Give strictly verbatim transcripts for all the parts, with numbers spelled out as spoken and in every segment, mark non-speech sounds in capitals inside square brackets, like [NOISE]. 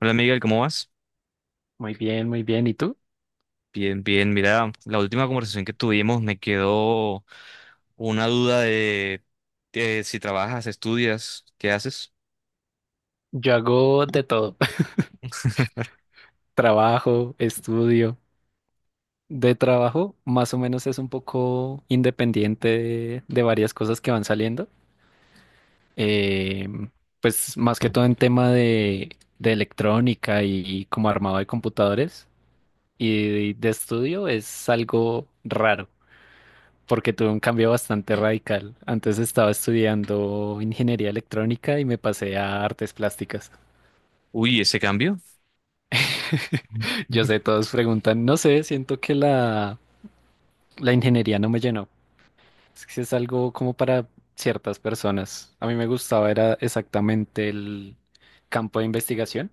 Hola Miguel, ¿cómo vas? Muy bien, muy bien. ¿Y tú? Bien, bien. Mira, la última conversación que tuvimos me quedó una duda de, de si trabajas, estudias, ¿qué haces? Yo hago de todo. [LAUGHS] [LAUGHS] Trabajo, estudio. De trabajo, más o menos es un poco independiente de, de varias cosas que van saliendo. Eh, pues más que todo en tema de, de electrónica y, como armado de computadores. Y de estudio es algo raro, porque tuve un cambio bastante radical. Antes estaba estudiando ingeniería electrónica y me pasé a artes plásticas. Uy, ese cambio, Yo sé, todos preguntan, no sé, siento que la, la ingeniería no me llenó. Es que es algo como para ciertas personas. A mí me gustaba, era exactamente el campo de investigación,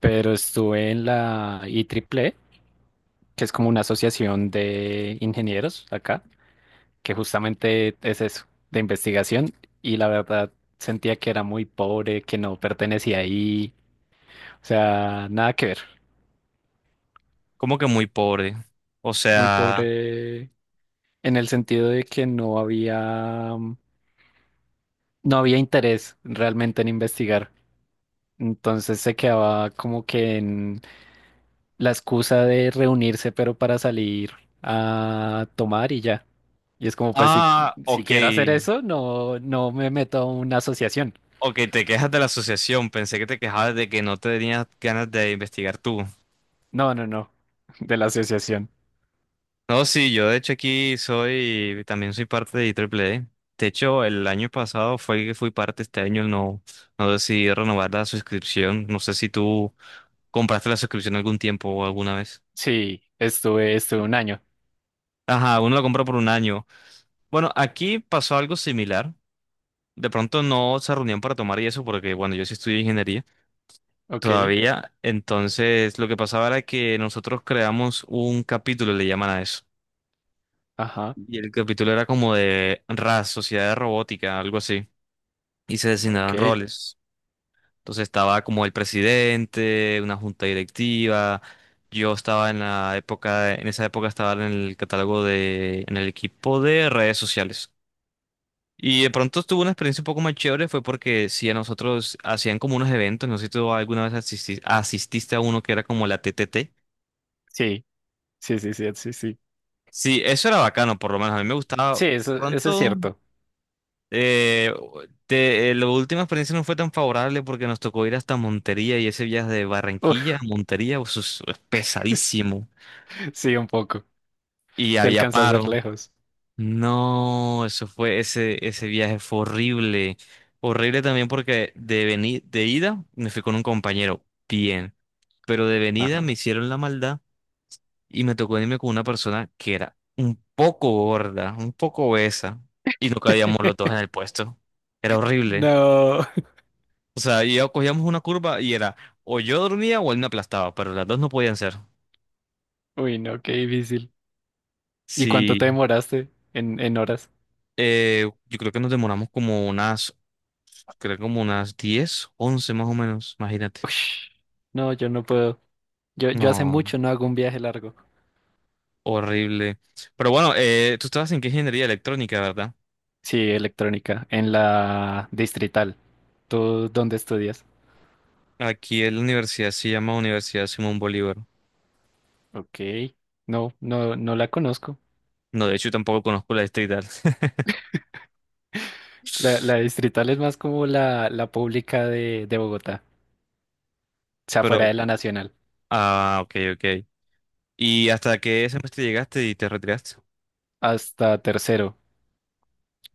pero estuve en la i IEEE, que es como una asociación de ingenieros acá, que justamente es eso, de investigación, y la verdad sentía que era muy pobre, que no pertenecía ahí, o sea, nada que ver, como que muy pobre. O muy sea, pobre en el sentido de que no había... no había interés realmente en investigar. Entonces se quedaba como que en la excusa de reunirse, pero para salir a tomar y ya. Y es como, pues si, ah, si ok, quiero hacer eso, no, no me meto a una asociación. ok, te quejas de la asociación. Pensé que te quejabas de que no tenías ganas de investigar tú. No, no, no. De la asociación. No, sí, yo de hecho aquí soy, también soy parte de Triple I E E E. De hecho, el año pasado fue que fui parte, este año no, no decidí renovar la suscripción. No sé si tú compraste la suscripción algún tiempo o alguna vez. Sí, estuve, estuve un año. Ajá, uno la compra por un año. Bueno, aquí pasó algo similar. De pronto no se reunían para tomar y eso porque, bueno, yo sí estudié ingeniería Ok. todavía. Entonces, lo que pasaba era que nosotros creamos un capítulo, le llaman a eso. Ajá. Y el capítulo era como de R A S, Sociedad de Robótica, algo así. y se designaron Ok. roles. Entonces estaba como el presidente, una junta directiva. Yo estaba en la época, en esa época estaba en el catálogo de, en el equipo de redes sociales. Y de pronto tuve una experiencia un poco más chévere, fue porque si a nosotros hacían como unos eventos, no sé si tú alguna vez asisti- asististe a uno que era como la T T T. Sí, sí, sí, sí, sí, sí. Sí, eso era bacano, por lo menos a mí me gustaba. Sí, eso, eso es Pronto. cierto. Eh, te- eh, la última experiencia no fue tan favorable porque nos tocó ir hasta Montería y ese viaje de Barranquilla a Uf, Montería eso es es pesadísimo [LAUGHS] sí, un poco. y Se había alcanza a paro. ser lejos. No, eso fue ese ese viaje fue horrible, horrible también porque de venir de ida me fui con un compañero bien, pero de venida Ajá. me hicieron la maldad y me tocó irme con una persona que era un poco gorda, un poco obesa y no cabíamos los dos [LAUGHS] en el puesto. Era horrible. No. O sea, y ya cogíamos una curva y era o yo dormía o él me aplastaba, pero las dos no podían ser. Uy, no, qué difícil. ¿Y cuánto te Sí, demoraste en, en horas? eh, yo creo que nos demoramos como unas, creo como unas diez, once más o menos, imagínate. Ush, no, yo no puedo. Yo, yo hace No, mucho no hago un viaje largo. horrible. Pero bueno, eh, tú estabas en qué ingeniería electrónica, ¿verdad? Sí, electrónica, en la Distrital. ¿Tú dónde estudias? Aquí en la universidad se llama Universidad Simón Bolívar. Ok, no, no, no la conozco. No, de hecho tampoco conozco la distrital. [LAUGHS] La, la Distrital es más como la, la pública de, de Bogotá, o sea, fuera Pero, de la Nacional, ah, ok, ok. ¿Y hasta qué semestre llegaste y te retiraste? hasta tercero.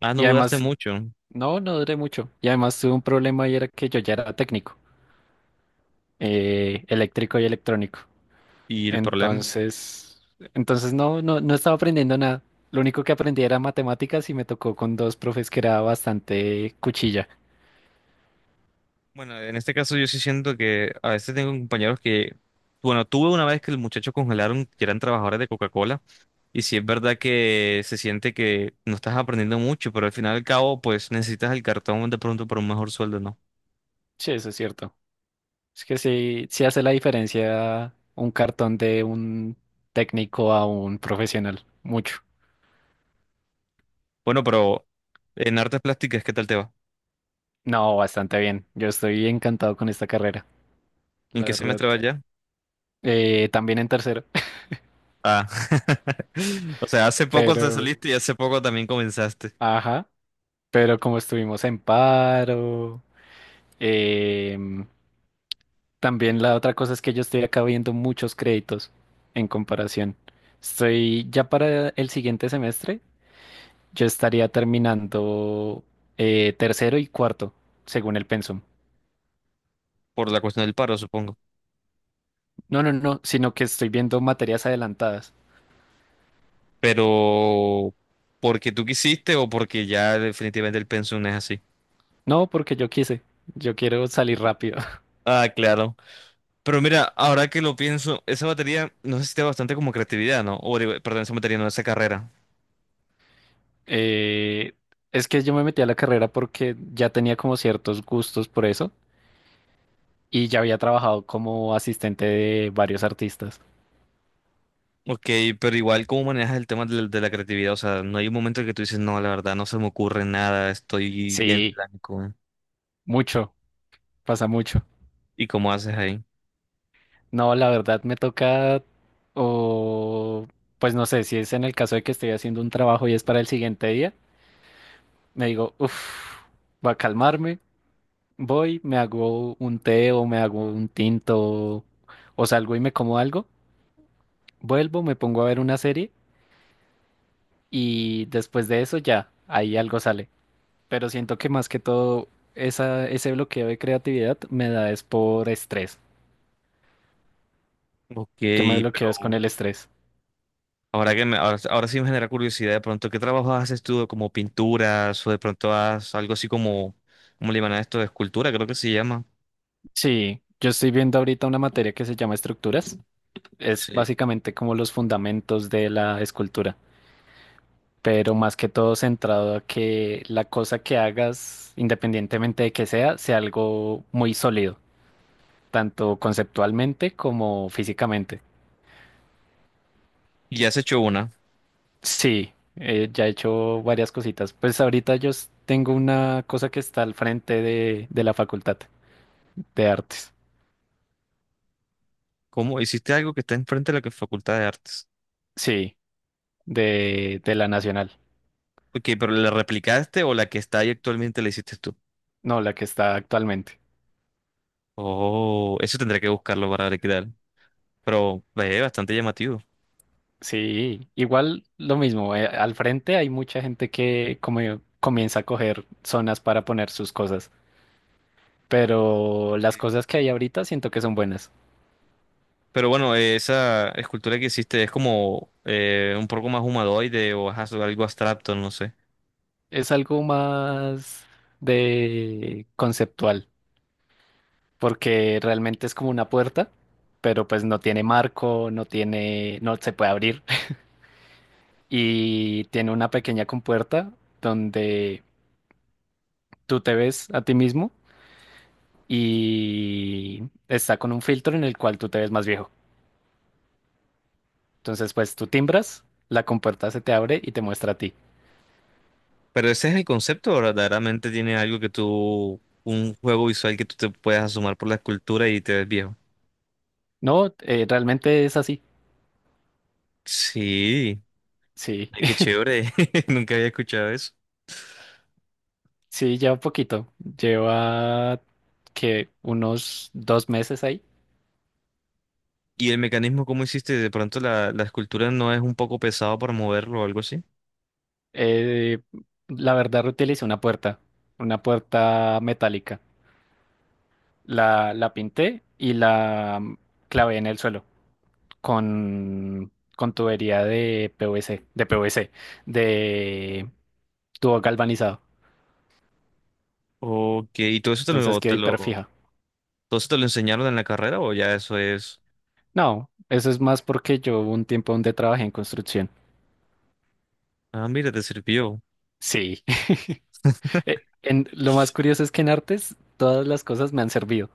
Ah, no Y dudaste además, mucho. no, no duré mucho. Y además tuve un problema y era que yo ya era técnico, eh, eléctrico y electrónico. ¿Y el problema? Entonces, entonces no, no, no estaba aprendiendo nada. Lo único que aprendí era matemáticas y me tocó con dos profes que era bastante cuchilla. Bueno, en este caso yo sí siento que a veces tengo compañeros que, bueno, tuve una vez que el muchacho congelaron que eran trabajadores de Coca-Cola y sí es verdad que se siente que no estás aprendiendo mucho, pero al final y al cabo pues necesitas el cartón de pronto para un mejor sueldo, ¿no? Sí, eso es cierto. Es que sí, sí hace la diferencia un cartón de un técnico a un profesional. Mucho. Bueno, pero en artes plásticas, ¿qué tal te va? No, bastante bien. Yo estoy encantado con esta carrera, ¿En la qué verdad. semestre vas ya? Eh, también en tercero, Ah, [LAUGHS] o sea, hace [LAUGHS] poco te pero, saliste y hace poco también comenzaste ajá, pero como estuvimos en paro, em, también la otra cosa es que yo estoy acá viendo muchos créditos en comparación. Estoy ya para el siguiente semestre, yo estaría terminando eh, tercero y cuarto, según el pensum. por la cuestión del paro, supongo. No, no, no, sino que estoy viendo materias adelantadas. Pero porque tú quisiste o porque ya definitivamente el pensum es así. No, porque yo quise, yo quiero salir rápido. [LAUGHS] Ah, claro. Pero mira, ahora que lo pienso, esa batería no necesita bastante como creatividad, ¿no? O digo, perdón, esa batería no, esa carrera. Eh, es que yo me metí a la carrera porque ya tenía como ciertos gustos por eso y ya había trabajado como asistente de varios artistas. Ok, pero igual, ¿cómo manejas el tema del- de, la creatividad? O sea, no hay un momento en que tú dices, no, la verdad, no se me ocurre nada, estoy bien Sí, blanco. mucho, pasa mucho. ¿Y cómo haces ahí? No, la verdad me toca, o pues no sé, si es en el caso de que estoy haciendo un trabajo y es para el siguiente día, me digo, uff, va a calmarme, voy, me hago un té o me hago un tinto o salgo y me como algo, vuelvo, me pongo a ver una serie y después de eso ya, ahí algo sale. Pero siento que más que todo esa, ese bloqueo de creatividad me da es por estrés. Ok, Yo me bloqueo pero es con el estrés. ahora que me, ahora, ahora sí me genera curiosidad, de pronto, ¿qué trabajo haces tú como pinturas o de pronto haces algo así como, ¿cómo le llaman a esto? De escultura, creo que se llama. Sí, yo estoy viendo ahorita una materia que se llama estructuras. Es Sí. básicamente como los fundamentos de la escultura, pero más que todo centrado a que la cosa que hagas, independientemente de que sea, sea algo muy sólido, tanto conceptualmente como físicamente. Y has hecho una. Sí, eh, ya he hecho varias cositas. Pues ahorita yo s- tengo una cosa que está al frente de, de la Facultad de Artes. ¿Cómo? ¿Hiciste algo que está enfrente de la que- Facultad de Artes? Sí, de, de la Nacional. Ok, pero ¿la replicaste o la que está ahí actualmente la hiciste tú? No, la que está actualmente. Oh, eso tendré que buscarlo para ver qué tal. Pero es bastante llamativo. Sí, igual lo mismo. Eh, al frente hay mucha gente que como comienza a coger zonas para poner sus cosas, pero las cosas que hay ahorita siento que son buenas. Pero bueno, eh, esa escultura que hiciste es como eh, un poco más humanoide o ajá, sobre algo abstracto, no sé. Es algo más de conceptual, porque realmente es como una puerta, pero pues no tiene marco, no tiene, no se puede abrir [LAUGHS] y tiene una pequeña compuerta donde tú te ves a ti mismo y está con un filtro en el cual tú te ves más viejo. Entonces, pues tú timbras, la compuerta se te abre y te muestra a ti. Pero ese es el concepto, ¿o verdaderamente tiene algo que tú, un juego visual que tú te puedas asomar por la escultura y te ves viejo. No, eh, realmente es así. Sí, Sí, ay, qué chévere. [LAUGHS] Nunca había escuchado eso. [LAUGHS] sí, lleva poquito. Lleva que unos dos meses ahí. ¿Y el mecanismo cómo hiciste? ¿De pronto la, la escultura no es un poco pesado para moverlo o algo así? Eh, la verdad, reutilicé una puerta, una puerta metálica. La, la pinté y la mm, clavé en el suelo con, con tubería de P V C, de P V C, de tubo galvanizado. Ok, ¿y todo eso te lo, Entonces quedó te lo, hiperfija. todo eso te lo enseñaron en la carrera o ya eso es? No, eso es más porque yo hubo un tiempo donde trabajé en construcción. Ah, mira, te sirvió. Sí. [LAUGHS] Eh, [LAUGHS] en- lo más curioso es que en artes todas las cosas me han servido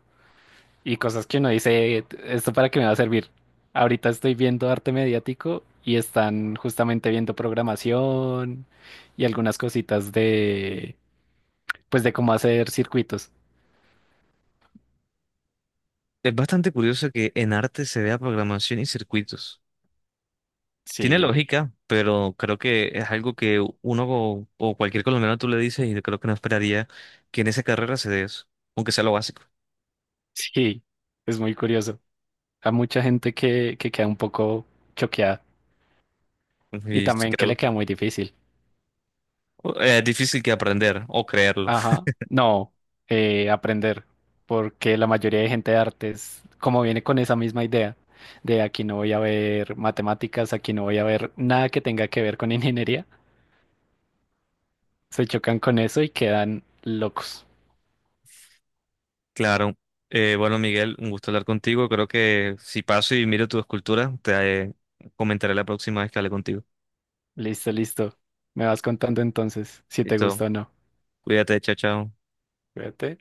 y cosas que uno dice, ¿esto para qué me va a servir? Ahorita estoy viendo arte mediático y están justamente viendo programación y algunas cositas de, pues de cómo hacer circuitos. Es bastante curioso que en arte se vea programación y circuitos. Tiene Sí, lógica, pero creo que es algo que uno o, o cualquier colombiano tú le dices y creo que no esperaría que en esa carrera se dé eso, aunque sea lo básico. [LAUGHS] sí, es muy curioso. Hay mucha gente que, que queda un poco choqueada y Y sí también que creo le queda muy difícil. eh, es difícil que aprender o creerlo. [LAUGHS] Ajá, no, eh, aprender, porque la mayoría de gente de artes, como viene con esa misma idea, de aquí no voy a ver matemáticas, aquí no voy a ver nada que tenga que ver con [LAUGHS] ingeniería, se chocan con eso y quedan locos. Claro. Eh, bueno, Miguel, un gusto hablar contigo. Creo que si paso y miro tu escultura, te eh, comentaré la próxima vez que hable contigo. Listo, listo. Me vas contando entonces si te gusta Listo. o no. Cuídate, chao, chao. Cuídate.